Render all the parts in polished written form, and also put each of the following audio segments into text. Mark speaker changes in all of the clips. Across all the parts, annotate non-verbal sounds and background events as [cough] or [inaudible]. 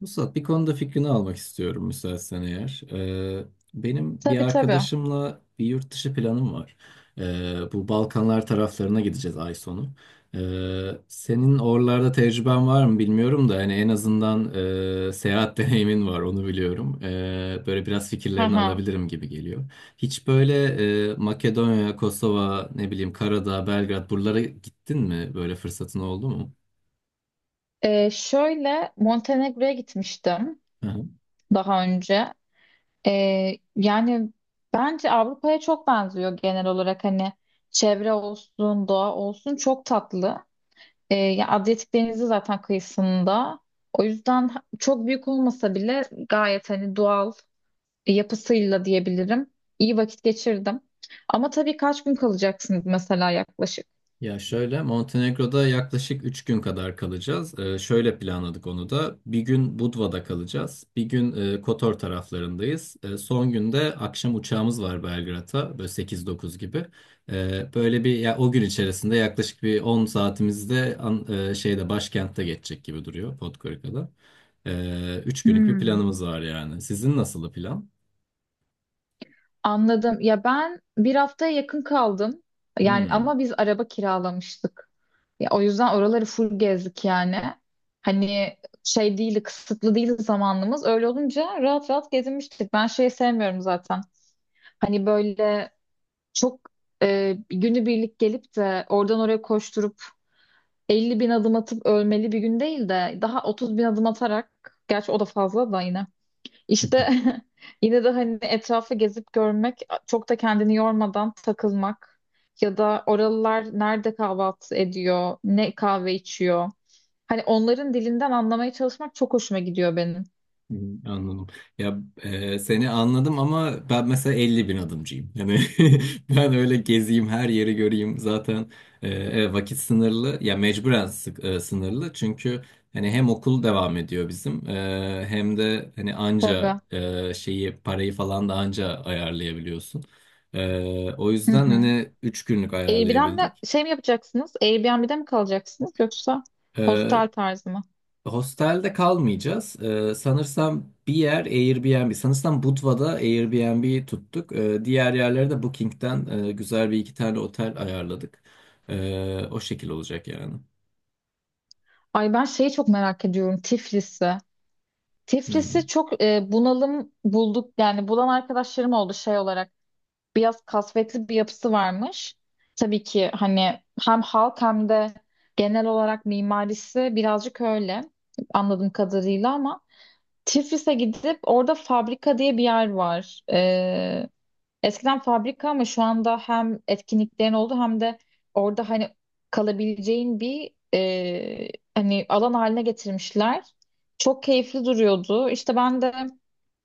Speaker 1: Mustafa bir konuda fikrini almak istiyorum müsaitsen eğer. Benim bir
Speaker 2: Tabii tabii.
Speaker 1: arkadaşımla bir yurt dışı planım var. Bu Balkanlar taraflarına gideceğiz ay sonu. Senin oralarda tecrüben var mı bilmiyorum da hani en azından seyahat [laughs] deneyimin var onu biliyorum. Böyle biraz
Speaker 2: Hı
Speaker 1: fikirlerini
Speaker 2: hı.
Speaker 1: alabilirim gibi geliyor. Hiç böyle Makedonya, Kosova, ne bileyim Karadağ, Belgrad buralara gittin mi? Böyle fırsatın oldu mu?
Speaker 2: Şöyle Montenegro'ya gitmiştim daha önce. Yani bence Avrupa'ya çok benziyor genel olarak hani çevre olsun, doğa olsun çok tatlı. Ya Adriyatik Denizi zaten kıyısında. O yüzden çok büyük olmasa bile gayet hani doğal yapısıyla diyebilirim. İyi vakit geçirdim. Ama tabii kaç gün kalacaksınız mesela yaklaşık?
Speaker 1: Ya şöyle Montenegro'da yaklaşık 3 gün kadar kalacağız. Şöyle planladık onu da. Bir gün Budva'da kalacağız. Bir gün Kotor taraflarındayız. Son günde akşam uçağımız var Belgrad'a. Böyle 8-9 gibi. Böyle bir ya, o gün içerisinde yaklaşık bir 10 saatimizde şeyde başkentte geçecek gibi duruyor Podgorica'da. 3 günlük bir
Speaker 2: Hmm,
Speaker 1: planımız var yani. Sizin nasıl plan?
Speaker 2: anladım. Ya ben bir haftaya yakın kaldım. Yani
Speaker 1: Hmm.
Speaker 2: ama biz araba kiralamıştık. Ya o yüzden oraları full gezdik yani. Hani şey değildi, kısıtlı değildi zamanımız. Öyle olunca rahat rahat gezinmiştik. Ben şeyi sevmiyorum zaten. Hani böyle çok günübirlik gelip de oradan oraya koşturup 50 bin adım atıp ölmeli bir gün değil de daha 30 bin adım atarak gerçi o da fazla da yine
Speaker 1: [laughs]
Speaker 2: işte [laughs] yine de hani etrafı gezip görmek çok da kendini yormadan takılmak ya da oralılar nerede kahvaltı ediyor ne kahve içiyor hani onların dilinden anlamaya çalışmak çok hoşuma gidiyor benim.
Speaker 1: Hı, anladım. Ya seni anladım ama ben mesela 50 bin adımcıyım. Yani [laughs] ben öyle gezeyim her yeri göreyim zaten evet, vakit sınırlı ya mecburen sınırlı çünkü hani hem okul devam ediyor bizim hem de hani anca
Speaker 2: Tabii.
Speaker 1: şeyi parayı falan da anca ayarlayabiliyorsun. O
Speaker 2: Hı
Speaker 1: yüzden
Speaker 2: hı.
Speaker 1: hani 3 günlük ayarlayabildik.
Speaker 2: Airbnb'de şey mi yapacaksınız? Airbnb'de mi kalacaksınız yoksa hostel tarzı mı?
Speaker 1: Hostelde kalmayacağız. Sanırsam bir yer Airbnb. Sanırsam Budva'da Airbnb tuttuk. Diğer yerlere de Booking'den güzel bir iki tane otel ayarladık. O şekil olacak yani.
Speaker 2: Ay ben şeyi çok merak ediyorum Tiflis'i. Tiflis'i
Speaker 1: Hmm,
Speaker 2: çok bunalım bulduk yani bulan arkadaşlarım oldu şey olarak biraz kasvetli bir yapısı varmış. Tabii ki hani hem halk hem de genel olarak mimarisi birazcık öyle anladığım kadarıyla ama Tiflis'e gidip orada fabrika diye bir yer var. Eskiden fabrika ama şu anda hem etkinliklerin oldu hem de orada hani kalabileceğin bir hani alan haline getirmişler. Çok keyifli duruyordu. İşte ben de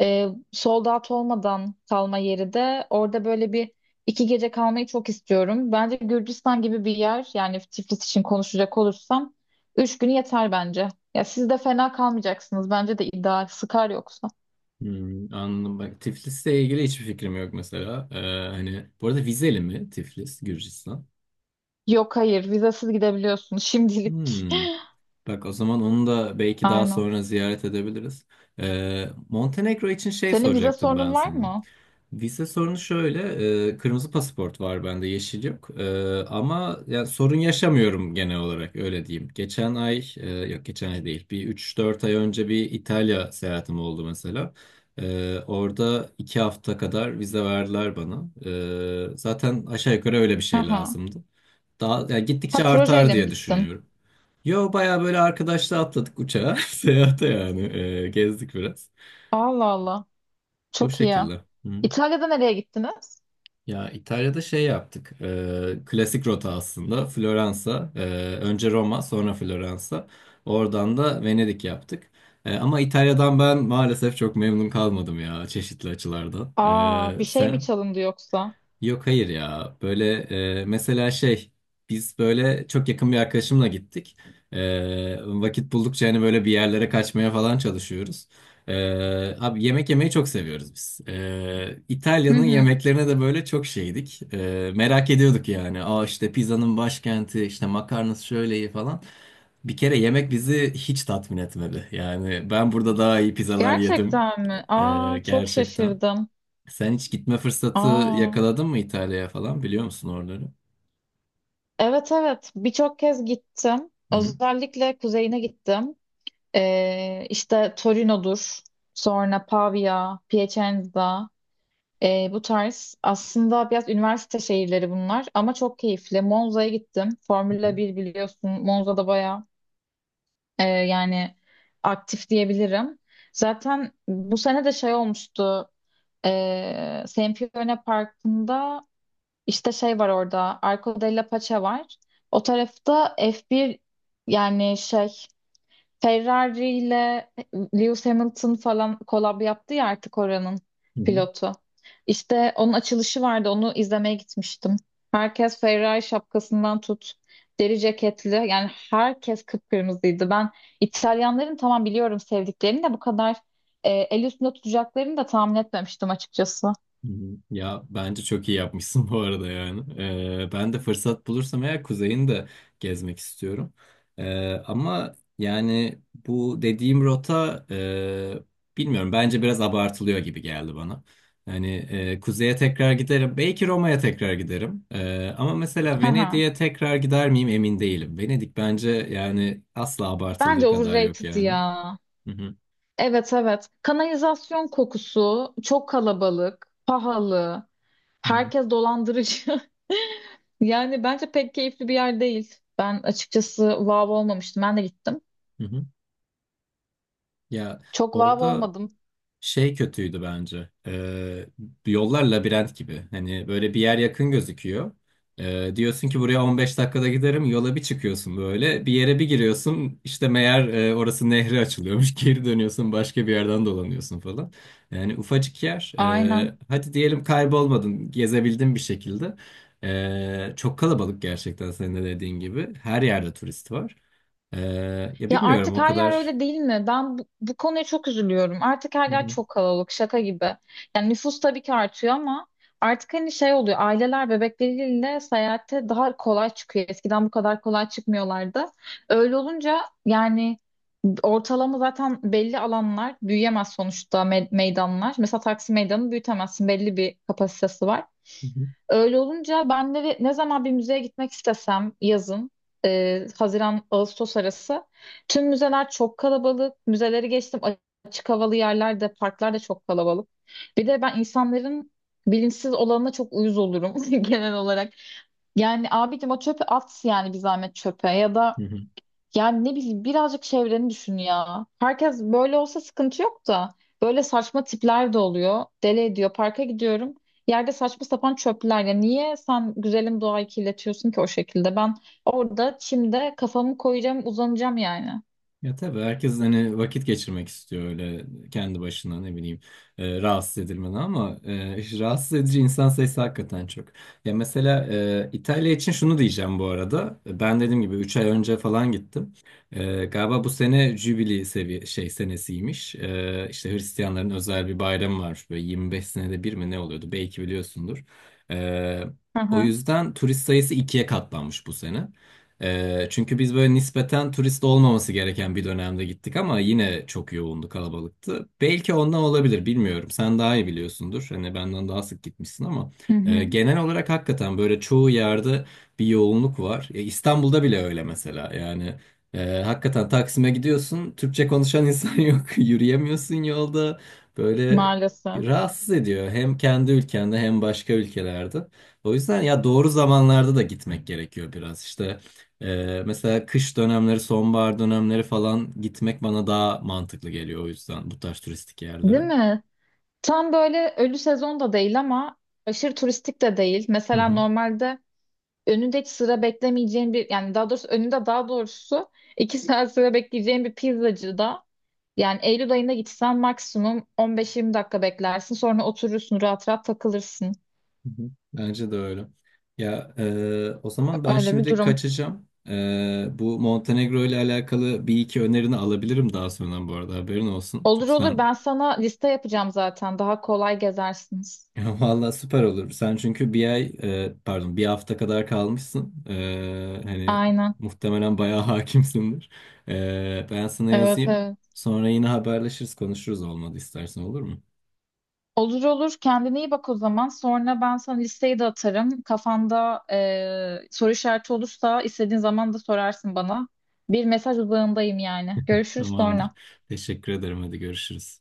Speaker 2: e, sold out olmadan kalma yeri de orada böyle bir iki gece kalmayı çok istiyorum. Bence Gürcistan gibi bir yer yani Tiflis için konuşacak olursam üç günü yeter bence. Ya siz de fena kalmayacaksınız. Bence de ideal. Sıkar yoksa.
Speaker 1: hmm, anladım. Bak Tiflis'le ilgili hiçbir fikrim yok mesela. Hani bu arada vizeli mi Tiflis, Gürcistan?
Speaker 2: Yok, hayır, vizasız gidebiliyorsunuz [laughs] şimdilik.
Speaker 1: Hmm. Bak o zaman onu da belki daha
Speaker 2: Aynen.
Speaker 1: sonra ziyaret edebiliriz. Montenegro için şey
Speaker 2: Senin vize
Speaker 1: soracaktım
Speaker 2: sorunun
Speaker 1: ben
Speaker 2: var
Speaker 1: sana.
Speaker 2: mı?
Speaker 1: Vize sorunu şöyle, kırmızı pasaport var bende, yeşil yok. Ama yani sorun yaşamıyorum genel olarak öyle diyeyim. Geçen ay, yok geçen ay değil, bir 3-4 ay önce bir İtalya seyahatim oldu mesela. Orada 2 hafta kadar vize verdiler bana. Zaten aşağı yukarı öyle bir
Speaker 2: Hı
Speaker 1: şey
Speaker 2: hı.
Speaker 1: lazımdı. Daha yani gittikçe
Speaker 2: Ha,
Speaker 1: artar
Speaker 2: projeyle mi
Speaker 1: diye
Speaker 2: gittin?
Speaker 1: düşünüyorum. Yo baya böyle arkadaşla atladık uçağa. [laughs] Seyahate yani. Gezdik biraz.
Speaker 2: Allah Allah.
Speaker 1: O
Speaker 2: Çok iyi.
Speaker 1: şekilde. Hı.
Speaker 2: İtalya'da nereye gittiniz?
Speaker 1: Ya İtalya'da şey yaptık. Klasik rota aslında. Floransa. Önce Roma sonra Floransa. Oradan da Venedik yaptık. Ama İtalya'dan ben maalesef çok memnun kalmadım ya çeşitli açılardan.
Speaker 2: Aa, bir şey mi
Speaker 1: Sen?
Speaker 2: çalındı yoksa?
Speaker 1: Yok hayır ya. Böyle mesela şey biz böyle çok yakın bir arkadaşımla gittik. Vakit buldukça hani böyle bir yerlere kaçmaya falan çalışıyoruz. E, Abi yemek yemeyi çok seviyoruz biz.
Speaker 2: Hı
Speaker 1: İtalya'nın
Speaker 2: hı.
Speaker 1: yemeklerine de böyle çok şeydik. Merak ediyorduk yani. Aa işte pizzanın başkenti, işte makarnası şöyle iyi falan. Bir kere yemek bizi hiç tatmin etmedi. Yani ben burada daha iyi pizzalar yedim.
Speaker 2: Gerçekten mi? Aa, çok
Speaker 1: Gerçekten.
Speaker 2: şaşırdım.
Speaker 1: Sen hiç gitme fırsatı
Speaker 2: Aa,
Speaker 1: yakaladın mı İtalya'ya falan biliyor musun oraları?
Speaker 2: evet evet, birçok kez gittim.
Speaker 1: Hı hı.
Speaker 2: Özellikle kuzeyine gittim. İşte Torino'dur. Sonra Pavia, Piacenza. Bu tarz aslında biraz üniversite şehirleri bunlar ama çok keyifli. Monza'ya gittim.
Speaker 1: Hı hı.
Speaker 2: Formula bir biliyorsun. Monza'da bayağı yani aktif diyebilirim. Zaten bu sene de şey olmuştu. Sempione Parkı'nda işte şey var orada. Arco della Pace var. O tarafta F1 yani şey Ferrari ile Lewis Hamilton falan kolab yaptı ya artık oranın
Speaker 1: Hı hı.
Speaker 2: pilotu. İşte onun açılışı vardı. Onu izlemeye gitmiştim. Herkes Ferrari şapkasından tut. Deri ceketli. Yani herkes kıpkırmızıydı. Ben İtalyanların tamam biliyorum sevdiklerini de bu kadar el üstünde tutacaklarını da tahmin etmemiştim açıkçası.
Speaker 1: Hı hı. Ya bence çok iyi yapmışsın [laughs] bu arada yani. Ben de fırsat bulursam eğer kuzeyini de gezmek istiyorum. Ama yani bu dediğim rota bilmiyorum bence biraz abartılıyor gibi geldi bana. Hani kuzeye tekrar giderim. Belki Roma'ya tekrar giderim. Ama mesela
Speaker 2: Hı hı.
Speaker 1: Venedik'e tekrar gider miyim emin değilim. Venedik bence yani asla
Speaker 2: Bence
Speaker 1: abartıldığı kadar yok
Speaker 2: overrated
Speaker 1: yani.
Speaker 2: ya.
Speaker 1: Hı hı.
Speaker 2: Evet evet. Kanalizasyon kokusu, çok kalabalık, pahalı,
Speaker 1: Hı hı.
Speaker 2: herkes dolandırıcı. [laughs] Yani bence pek keyifli bir yer değil. Ben açıkçası vav olmamıştım. Ben de gittim.
Speaker 1: Hı hı. Ya
Speaker 2: Çok vav
Speaker 1: orada
Speaker 2: olmadım.
Speaker 1: şey kötüydü bence. Yollar labirent gibi. Hani böyle bir yer yakın gözüküyor. Diyorsun ki buraya 15 dakikada giderim. Yola bir çıkıyorsun böyle. Bir yere bir giriyorsun. İşte meğer orası nehri açılıyormuş. [laughs] Geri dönüyorsun başka bir yerden dolanıyorsun falan. Yani ufacık yer.
Speaker 2: Aynen.
Speaker 1: Hadi diyelim kaybolmadın. Gezebildin bir şekilde. Çok kalabalık gerçekten senin de dediğin gibi. Her yerde turist var. Ee, Ya
Speaker 2: Ya
Speaker 1: bilmiyorum
Speaker 2: artık
Speaker 1: o
Speaker 2: her yer
Speaker 1: kadar.
Speaker 2: öyle değil mi? Ben bu konuya çok üzülüyorum. Artık her
Speaker 1: Hı
Speaker 2: yer
Speaker 1: hı.
Speaker 2: çok kalabalık, şaka gibi. Yani nüfus tabii ki artıyor ama artık hani şey oluyor. Aileler bebekleriyle seyahate daha kolay çıkıyor. Eskiden bu kadar kolay çıkmıyorlardı. Öyle olunca yani ortalama zaten belli alanlar büyüyemez sonuçta meydanlar. Mesela Taksim Meydanı büyütemezsin. Belli bir kapasitesi var. Öyle olunca ben de ne zaman bir müzeye gitmek istesem yazın, Haziran-Ağustos arası tüm müzeler çok kalabalık. Müzeleri geçtim, açık havalı yerlerde, parklar da çok kalabalık. Bir de ben insanların bilinçsiz olanına çok uyuz olurum [laughs] genel olarak. Yani abicim o çöpü at yani bir zahmet çöpe ya da
Speaker 1: Hı hı.
Speaker 2: yani ne bileyim birazcık çevreni düşün ya. Herkes böyle olsa sıkıntı yok da böyle saçma tipler de oluyor. Deli ediyor. Parka gidiyorum. Yerde saçma sapan çöpler. Ya niye sen güzelim doğayı kirletiyorsun ki o şekilde? Ben orada çimde kafamı koyacağım, uzanacağım yani.
Speaker 1: Ya tabii herkes hani vakit geçirmek istiyor öyle kendi başına ne bileyim rahatsız edilmeden ama [laughs] işte rahatsız edici insan sayısı hakikaten çok. Ya mesela İtalya için şunu diyeceğim bu arada. Ben dediğim gibi 3 ay önce falan gittim. Galiba bu sene Jübili seviye şey senesiymiş. İşte Hristiyanların özel bir bayramı var böyle 25 senede bir mi ne oluyordu belki biliyorsundur. E,
Speaker 2: Hı
Speaker 1: O
Speaker 2: hı.
Speaker 1: yüzden turist sayısı 2'ye katlanmış bu sene. Çünkü biz böyle nispeten turist olmaması gereken bir dönemde gittik ama yine çok yoğundu, kalabalıktı. Belki ondan olabilir, bilmiyorum. Sen daha iyi biliyorsundur. Hani benden daha sık gitmişsin ama
Speaker 2: Hı hı.
Speaker 1: genel olarak hakikaten böyle çoğu yerde bir yoğunluk var. İstanbul'da bile öyle mesela. Yani hakikaten Taksim'e gidiyorsun, Türkçe konuşan insan [laughs] yok, yürüyemiyorsun yolda. Böyle
Speaker 2: Maalesef.
Speaker 1: rahatsız ediyor hem kendi ülkende hem başka ülkelerde. O yüzden ya doğru zamanlarda da gitmek gerekiyor biraz işte. Mesela kış dönemleri, sonbahar dönemleri falan gitmek bana daha mantıklı geliyor o yüzden bu tarz turistik
Speaker 2: Değil
Speaker 1: yerlere.
Speaker 2: mi? Tam böyle ölü sezon da değil ama aşırı turistik de değil.
Speaker 1: Hı
Speaker 2: Mesela
Speaker 1: hı,
Speaker 2: normalde önünde hiç sıra beklemeyeceğin bir yani daha doğrusu önünde daha doğrusu iki saat sıra bekleyeceğin bir pizzacıda yani Eylül ayında gitsen maksimum 15-20 dakika beklersin, sonra oturursun rahat rahat takılırsın.
Speaker 1: hı hı. Bence de öyle. Ya o zaman ben
Speaker 2: Öyle bir
Speaker 1: şimdilik
Speaker 2: durum.
Speaker 1: kaçacağım. Bu Montenegro ile alakalı bir iki önerini alabilirim daha sonra bu arada haberin olsun.
Speaker 2: Olur
Speaker 1: Çünkü
Speaker 2: olur,
Speaker 1: sen.
Speaker 2: ben sana liste yapacağım, zaten daha kolay gezersiniz.
Speaker 1: [laughs] Valla süper olur. Sen çünkü bir ay pardon bir hafta kadar kalmışsın. Hani
Speaker 2: Aynen.
Speaker 1: muhtemelen bayağı [laughs] hakimsindir. Ben sana
Speaker 2: Evet
Speaker 1: yazayım.
Speaker 2: evet.
Speaker 1: Sonra yine haberleşiriz konuşuruz olmadı istersen olur mu?
Speaker 2: Olur olur, kendine iyi bak o zaman, sonra ben sana listeyi de atarım, kafanda soru işareti olursa istediğin zaman da sorarsın bana. Bir mesaj uzağındayım yani. Görüşürüz
Speaker 1: Tamamdır.
Speaker 2: sonra.
Speaker 1: Teşekkür ederim. Hadi görüşürüz.